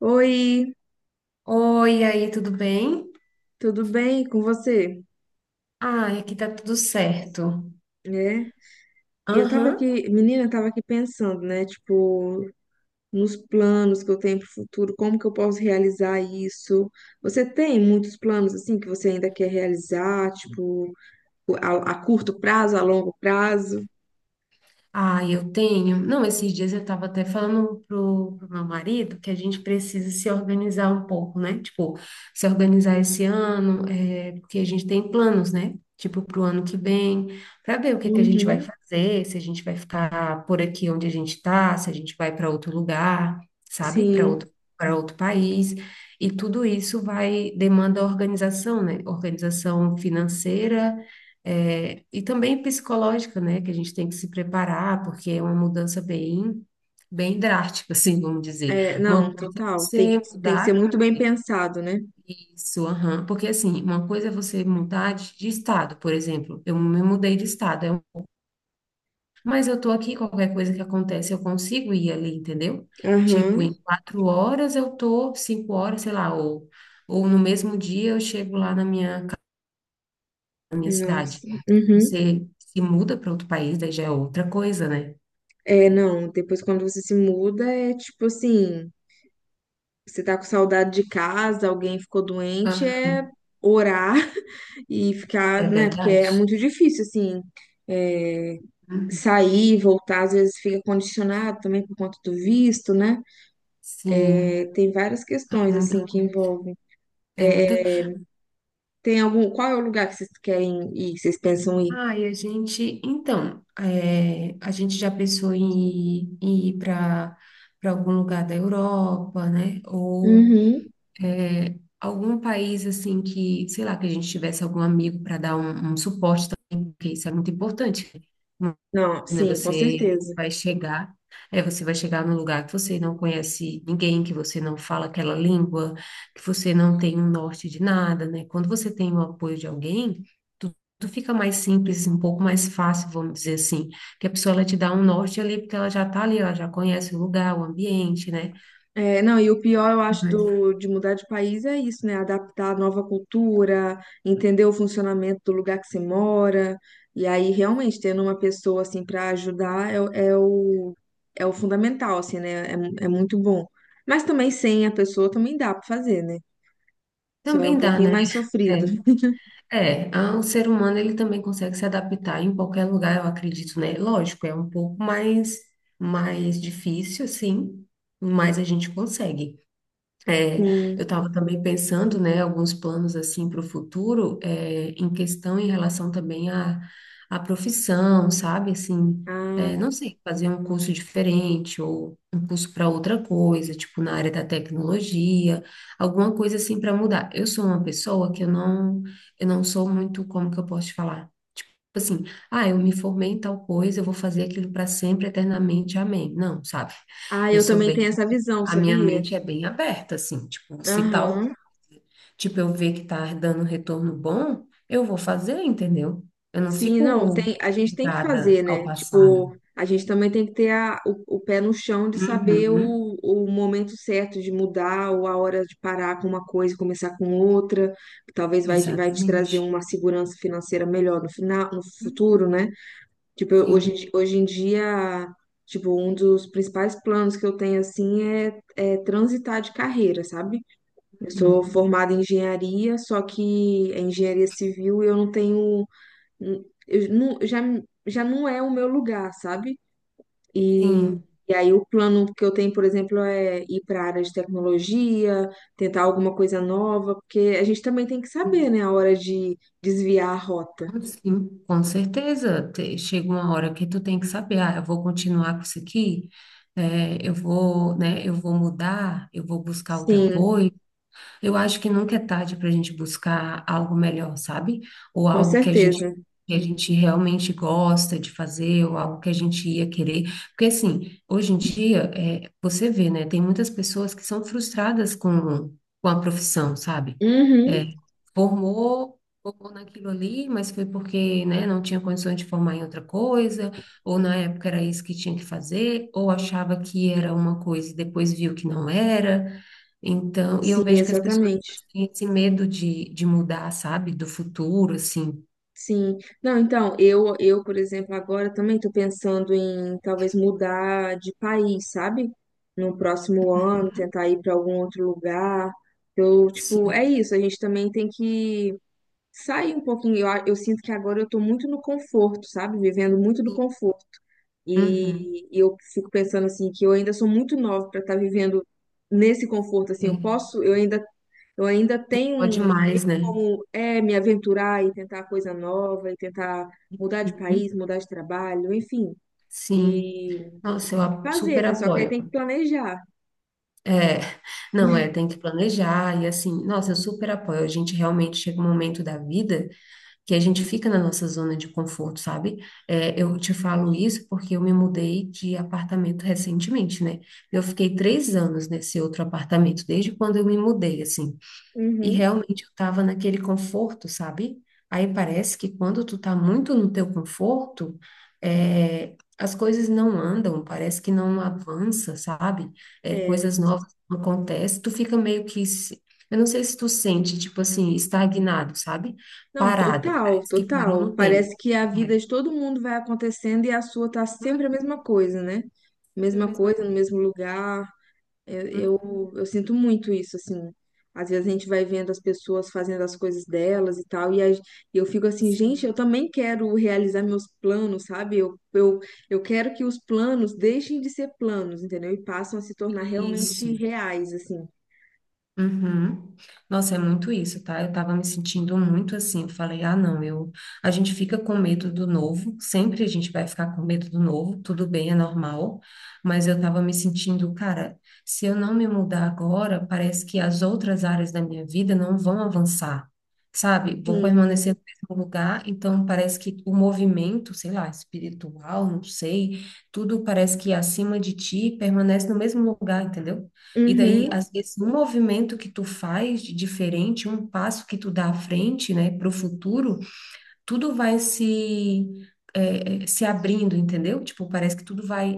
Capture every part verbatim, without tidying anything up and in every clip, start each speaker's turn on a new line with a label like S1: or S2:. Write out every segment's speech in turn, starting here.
S1: Oi,
S2: Oi, e aí, tudo bem?
S1: tudo bem com você?
S2: Ah, aqui tá tudo certo.
S1: E eu tava
S2: Aham.
S1: aqui, menina, eu tava aqui pensando, né? Tipo, nos planos que eu tenho pro futuro, como que eu posso realizar isso? Você tem muitos planos assim que você ainda quer realizar, tipo, a, a curto prazo, a longo prazo?
S2: Ah, eu tenho. Não, esses dias eu estava até falando pro, pro meu marido que a gente precisa se organizar um pouco, né? Tipo, se organizar esse ano, é, porque a gente tem planos, né? Tipo, pro ano que vem, para ver o que que a gente vai
S1: Uhum.
S2: fazer, se a gente vai ficar por aqui onde a gente está, se a gente vai para outro lugar, sabe? Para
S1: Sim,
S2: outro, para outro país. E tudo isso vai demanda organização, né? Organização financeira é, e também psicológica, né? Que a gente tem que se preparar, porque é uma mudança bem, bem drástica, assim, vamos dizer.
S1: é,
S2: Uma
S1: não,
S2: coisa é
S1: total. Tem que,
S2: você
S1: tem que ser
S2: mudar
S1: muito bem pensado, né?
S2: isso, aham, porque assim, uma coisa é você mudar de, de estado, por exemplo. Eu me mudei de estado, eu- mas eu tô aqui, qualquer coisa que acontece, eu consigo ir ali, entendeu?
S1: Aham,
S2: Tipo, em quatro horas eu tô, cinco horas, sei lá, ou, ou no mesmo dia eu chego lá na minha, ca- na minha cidade.
S1: nossa. Uhum.
S2: Você se muda para outro país, daí já é outra coisa, né?
S1: É, não, depois quando você se muda, é tipo assim. Você tá com saudade de casa, alguém ficou doente,
S2: Aham.
S1: é orar e ficar,
S2: É
S1: né? Porque
S2: verdade?
S1: é muito difícil, assim, é,
S2: Uhum.
S1: sair, voltar, às vezes fica condicionado também por conta do visto, né? É,
S2: Sim,
S1: tem várias
S2: é
S1: questões,
S2: muita
S1: assim, que
S2: coisa.
S1: envolvem.
S2: É muita.
S1: Tem algum, qual é o lugar que vocês querem ir, que vocês pensam ir?
S2: Ah, e a gente, então, é, a gente já pensou em, em ir para para algum lugar da Europa, né? Ou
S1: Uhum.
S2: algum país assim que, sei lá, que a gente tivesse algum amigo para dar um, um suporte também, porque isso é muito importante. né?
S1: Não,
S2: né?
S1: sim, com
S2: Você
S1: certeza.
S2: vai chegar, é, você vai chegar num lugar que você não conhece ninguém, que você não fala aquela língua, que você não tem um norte de nada, né? Quando você tem o apoio de alguém, tu- tudo fica mais simples, um pouco mais fácil, vamos dizer assim, que a pessoa ela te dá um norte ali, porque ela já tá ali, ela já conhece o lugar, o ambiente, né?
S1: É, não, e o pior, eu acho,
S2: Mas
S1: do, de mudar de país é isso, né? Adaptar a nova cultura, entender o funcionamento do lugar que você mora. E aí, realmente, tendo uma pessoa, assim, para ajudar é, o, é o é o fundamental, assim, né? É, mu- é muito bom. Mas também sem a pessoa também dá para fazer, né? Só é um
S2: também dá,
S1: pouquinho
S2: né?
S1: mais sofrido.
S2: É. É, ah, o ser humano ele também consegue se adaptar em qualquer lugar, eu acredito, né? Lógico, é um pouco mais mais difícil, sim, mas a gente consegue. É, eu
S1: Sim.
S2: estava também pensando, né, alguns planos assim para o futuro, é, em questão em relação também à, à profissão, sabe? Assim, é,
S1: Ah,
S2: não sei, fazer um curso diferente ou um curso para outra coisa, tipo na área da tecnologia, alguma coisa assim para mudar. Eu sou uma pessoa que eu não, eu não sou muito, como que eu posso te falar? Tipo assim, ah, eu me formei em tal coisa, eu vou fazer aquilo para sempre, eternamente, amém. Não, sabe?
S1: ah,
S2: Eu
S1: eu
S2: sou
S1: também tenho
S2: bem
S1: essa visão,
S2: a minha
S1: sabia?
S2: mente é bem aberta, assim, tipo, se tal,
S1: Aham.
S2: tipo, eu ver que tá dando um retorno bom, eu vou fazer, entendeu? Eu não
S1: Sim, não,
S2: fico
S1: tem, a gente tem que fazer,
S2: ligada ao
S1: né?
S2: passado.
S1: Tipo, a gente também tem que ter a, o, o pé no chão de saber
S2: Uhum.
S1: o, o momento certo de mudar ou a hora de parar com uma coisa e começar com outra, que talvez vai, vai te trazer
S2: Exatamente.
S1: uma segurança financeira melhor no final, no futuro,
S2: Uhum.
S1: né? Tipo, eu- hoje, em
S2: Sim.
S1: di- hoje em dia, tipo, um dos principais planos que eu tenho, assim, é, é transitar de carreira, sabe? Eu sou
S2: Uhum.
S1: formada em engenharia, só que é engenharia civil e eu não tenho eu não, já, já não é o meu lugar, sabe? E,
S2: Sim.
S1: e aí o plano que eu tenho, por exemplo, é ir para a área de tecnologia, tentar alguma coisa nova, porque a gente também tem que saber,
S2: Uhum.
S1: né, a hora de desviar a rota.
S2: Sim, com certeza. Te- Chega uma hora que tu tem que saber, ah, eu vou continuar com isso aqui, é, eu vou, né, eu vou mudar, eu vou buscar outra
S1: Sim,
S2: coisa. Eu acho que nunca é tarde para a gente buscar algo melhor, sabe? Ou
S1: com
S2: algo que a gente,
S1: certeza.
S2: que a gente realmente gosta de fazer, ou algo que a gente ia querer. Porque, assim, hoje em dia, é, você vê, né? Tem muitas pessoas que são frustradas com, com a profissão, sabe?
S1: Uhum,
S2: É, formou, formou naquilo ali, mas foi porque, né, não tinha condições de formar em outra coisa, ou na época era isso que tinha que fazer, ou achava que era uma coisa e depois viu que não era. Então, e
S1: sim,
S2: eu vejo que as pessoas
S1: exatamente.
S2: têm esse medo de, de mudar, sabe? Do futuro, assim.
S1: Sim. Não, então, eu, eu, por exemplo, agora também estou pensando em talvez mudar de país, sabe? No próximo ano, tentar ir para algum outro lugar. Eu, tipo, é
S2: Sim.
S1: isso, a gente também tem que sair um pouquinho. Eu, a- eu sinto que agora eu estou muito no conforto, sabe? Vivendo muito do conforto.
S2: Uhum.
S1: E, e eu fico pensando assim que eu ainda sou muito nova para estar vivendo nesse conforto assim.
S2: É.
S1: Eu posso, eu ainda, eu ainda
S2: Pode
S1: tenho
S2: mais, né?
S1: como é me aventurar e tentar coisa nova, e tentar mudar de país,
S2: Uhum.
S1: mudar de trabalho, enfim.
S2: Sim.
S1: E, e
S2: Nossa, eu
S1: tem que
S2: a-
S1: fazer,
S2: super
S1: né? Só que aí
S2: apoio.
S1: tem que planejar.
S2: É, não, é, tem que planejar e assim, nossa, eu super apoio. A gente realmente chega um momento da vida que a gente fica na nossa zona de conforto, sabe? É, eu te falo isso porque eu me mudei de apartamento recentemente, né? Eu fiquei três anos nesse outro apartamento, desde quando eu me mudei, assim. E
S1: Uhum.
S2: realmente eu estava naquele conforto, sabe? Aí parece que quando tu tá muito no teu conforto, é, as coisas não andam, parece que não avança, sabe? É,
S1: É.
S2: coisas novas não acontecem, tu fica meio que, se- eu não sei se tu sente, tipo assim, estagnado, sabe?
S1: Não,
S2: Parado,
S1: total,
S2: parece que parou
S1: total.
S2: no tempo.
S1: Parece que a vida
S2: É.
S1: de todo mundo vai acontecendo e a sua tá sempre a
S2: Hum,
S1: mesma coisa, né?
S2: sempre a
S1: Mesma
S2: mesma
S1: coisa, no
S2: coisa.
S1: mesmo lugar. Eu,
S2: Hum,
S1: eu, eu sinto muito isso, assim. Às vezes a gente vai vendo as pessoas fazendo as coisas delas e tal, e a- e eu fico assim, gente,
S2: sim,
S1: eu também quero realizar meus planos, sabe? Eu, eu, eu quero que os planos deixem de ser planos, entendeu? E passam a se tornar realmente
S2: isso.
S1: reais, assim.
S2: Uhum. Nossa, é muito isso, tá? Eu tava me sentindo muito assim. Eu falei, ah, não, eu. A gente fica com medo do novo, sempre a gente vai ficar com medo do novo, tudo bem, é normal, mas eu tava me sentindo, cara, se eu não me mudar agora, parece que as outras áreas da minha vida não vão avançar, sabe? Vou
S1: Sim.
S2: permanecer no mesmo lugar, então parece que o movimento, sei lá, espiritual, não sei, tudo parece que é acima de ti permanece no mesmo lugar, entendeu? E daí,
S1: Uhum.
S2: às vezes, um movimento que tu faz de diferente, um passo que tu dá à frente, né, para o futuro, tudo vai se, é, é, se abrindo, entendeu? Tipo, parece que tudo vai,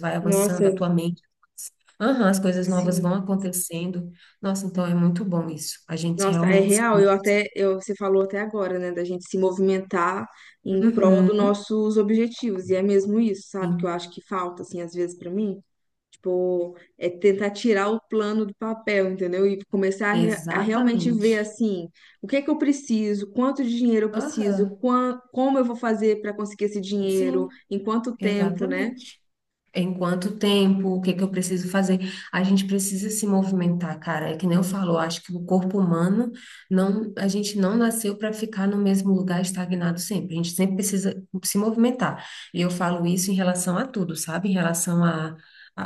S2: vai
S1: Nossa,
S2: avançando, a tua mente. Aham, as coisas novas
S1: sim.
S2: vão acontecendo. Nossa, então é muito bom isso. A gente
S1: Nossa, é
S2: realmente.
S1: real.
S2: se-
S1: Eu até, eu, você falou até agora, né, da gente se movimentar em prol dos
S2: Uhum,
S1: nossos objetivos. E é mesmo isso, sabe? Que eu acho
S2: sim,
S1: que falta, assim, às vezes pra mim. Tipo, é tentar tirar o plano do papel, entendeu? E começar a, re- a realmente ver
S2: exatamente.
S1: assim, o que é que eu preciso, quanto de dinheiro eu
S2: Aham,
S1: preciso, quan- como eu vou fazer para conseguir esse dinheiro,
S2: sim,
S1: em quanto tempo, né?
S2: exatamente. Em quanto tempo? O que que eu preciso fazer? A gente precisa se movimentar, cara. É que nem eu falo, eu acho que o corpo humano não, a gente não nasceu para ficar no mesmo lugar estagnado sempre. A gente sempre precisa se movimentar. E eu falo isso em relação a tudo, sabe? Em relação a A,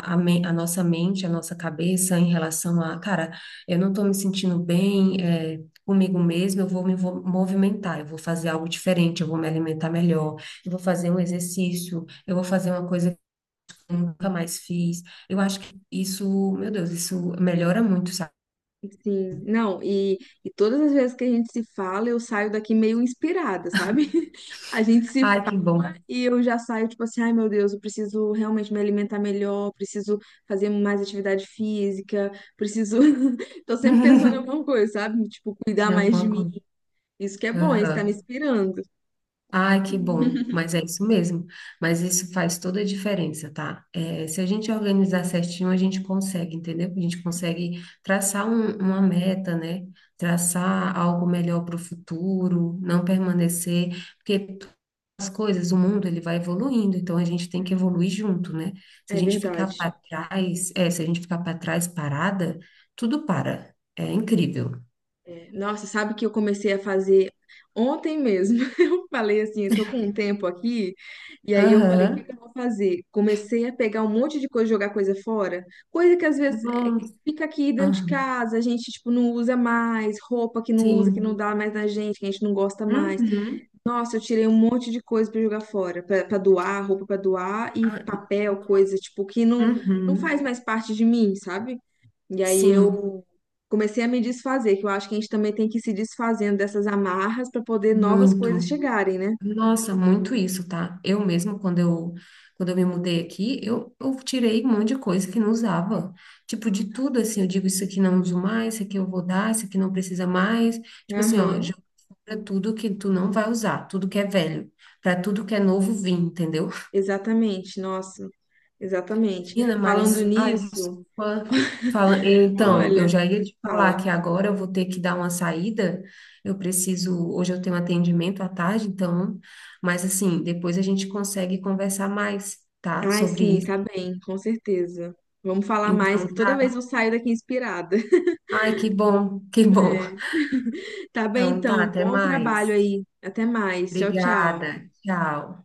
S2: a, a men- a nossa mente, a nossa cabeça, em relação a, cara, eu não estou me sentindo bem, é, comigo mesma, eu vou me vo- movimentar, eu vou fazer algo diferente, eu vou me alimentar melhor, eu vou fazer um exercício, eu vou fazer uma coisa nunca mais fiz. Eu acho que isso, meu Deus, isso melhora muito, sabe?
S1: Sim, não, e, e todas as vezes que a gente se fala, eu saio daqui meio inspirada, sabe? A gente se
S2: Ai, que bom.
S1: E eu já saio, tipo assim, ai meu Deus, eu preciso realmente me alimentar melhor, preciso fazer mais atividade física, preciso. Tô sempre pensando em alguma coisa, sabe? Tipo, cuidar
S2: Em
S1: mais de
S2: alguma
S1: mim.
S2: coisa.
S1: Isso que é bom, isso tá me
S2: Aham.
S1: inspirando.
S2: Ai, que bom. Mas é isso mesmo. Mas isso faz toda a diferença, tá? É, se a gente organizar certinho, a gente consegue, entendeu? A gente consegue traçar um- uma meta, né? Traçar algo melhor para o futuro, não permanecer. Porque as coisas, o mundo ele vai evoluindo, então a gente tem que evoluir junto, né? Se a
S1: É
S2: gente ficar
S1: verdade.
S2: para trás, é, se a gente ficar para trás parada, tudo para. É incrível.
S1: É, nossa, sabe que eu comecei a fazer ontem mesmo. Eu falei assim, eu tô com um tempo aqui, e aí eu falei, o que
S2: Aham.
S1: que eu vou fazer? Comecei a pegar um monte de coisa, jogar coisa fora, coisa que às vezes é,
S2: Nossa.
S1: fica aqui dentro de
S2: Aham,
S1: casa, a gente tipo não usa mais, roupa que não usa, que não
S2: sim.
S1: dá mais na gente, que a gente não gosta mais.
S2: Uhum.
S1: Nossa, eu tirei um monte de coisa pra jogar fora, pra pra doar, roupa pra doar e
S2: Ah,
S1: papel,
S2: no-
S1: coisa tipo que não não faz
S2: Uhum.
S1: mais parte de mim, sabe? E aí
S2: Sim,
S1: eu comecei a me desfazer, que eu acho que a gente também tem que ir se desfazendo dessas amarras para poder novas
S2: muito.
S1: coisas chegarem, né?
S2: Nossa, muito isso, tá? Eu mesmo, quando eu, quando eu, me mudei aqui, eu, eu tirei um monte de coisa que não usava. Tipo, de tudo, assim, eu digo, isso aqui não uso mais, isso aqui eu vou dar, isso aqui não precisa mais. Tipo assim, ó,
S1: Aham,
S2: joga fora tudo que tu não vai usar, tudo que é velho, para tudo que é novo vir, entendeu?
S1: exatamente, nossa, exatamente.
S2: Menina,
S1: Falando
S2: mas a
S1: nisso,
S2: desculpa, fala, então, eu
S1: olha,
S2: já ia te falar
S1: fala.
S2: que agora eu vou ter que dar uma saída. Eu preciso, hoje eu tenho atendimento à tarde, então, mas assim, depois a gente consegue conversar mais, tá?
S1: Ai,
S2: Sobre
S1: sim,
S2: isso.
S1: tá bem, com certeza. Vamos falar mais,
S2: Então,
S1: que toda vez
S2: tá.
S1: eu saio daqui inspirada.
S2: Ai, que bom, que bom.
S1: É. Tá bem,
S2: Então, tá,
S1: então.
S2: até
S1: Bom trabalho
S2: mais.
S1: aí. Até mais. Tchau, tchau.
S2: Obrigada. Tchau.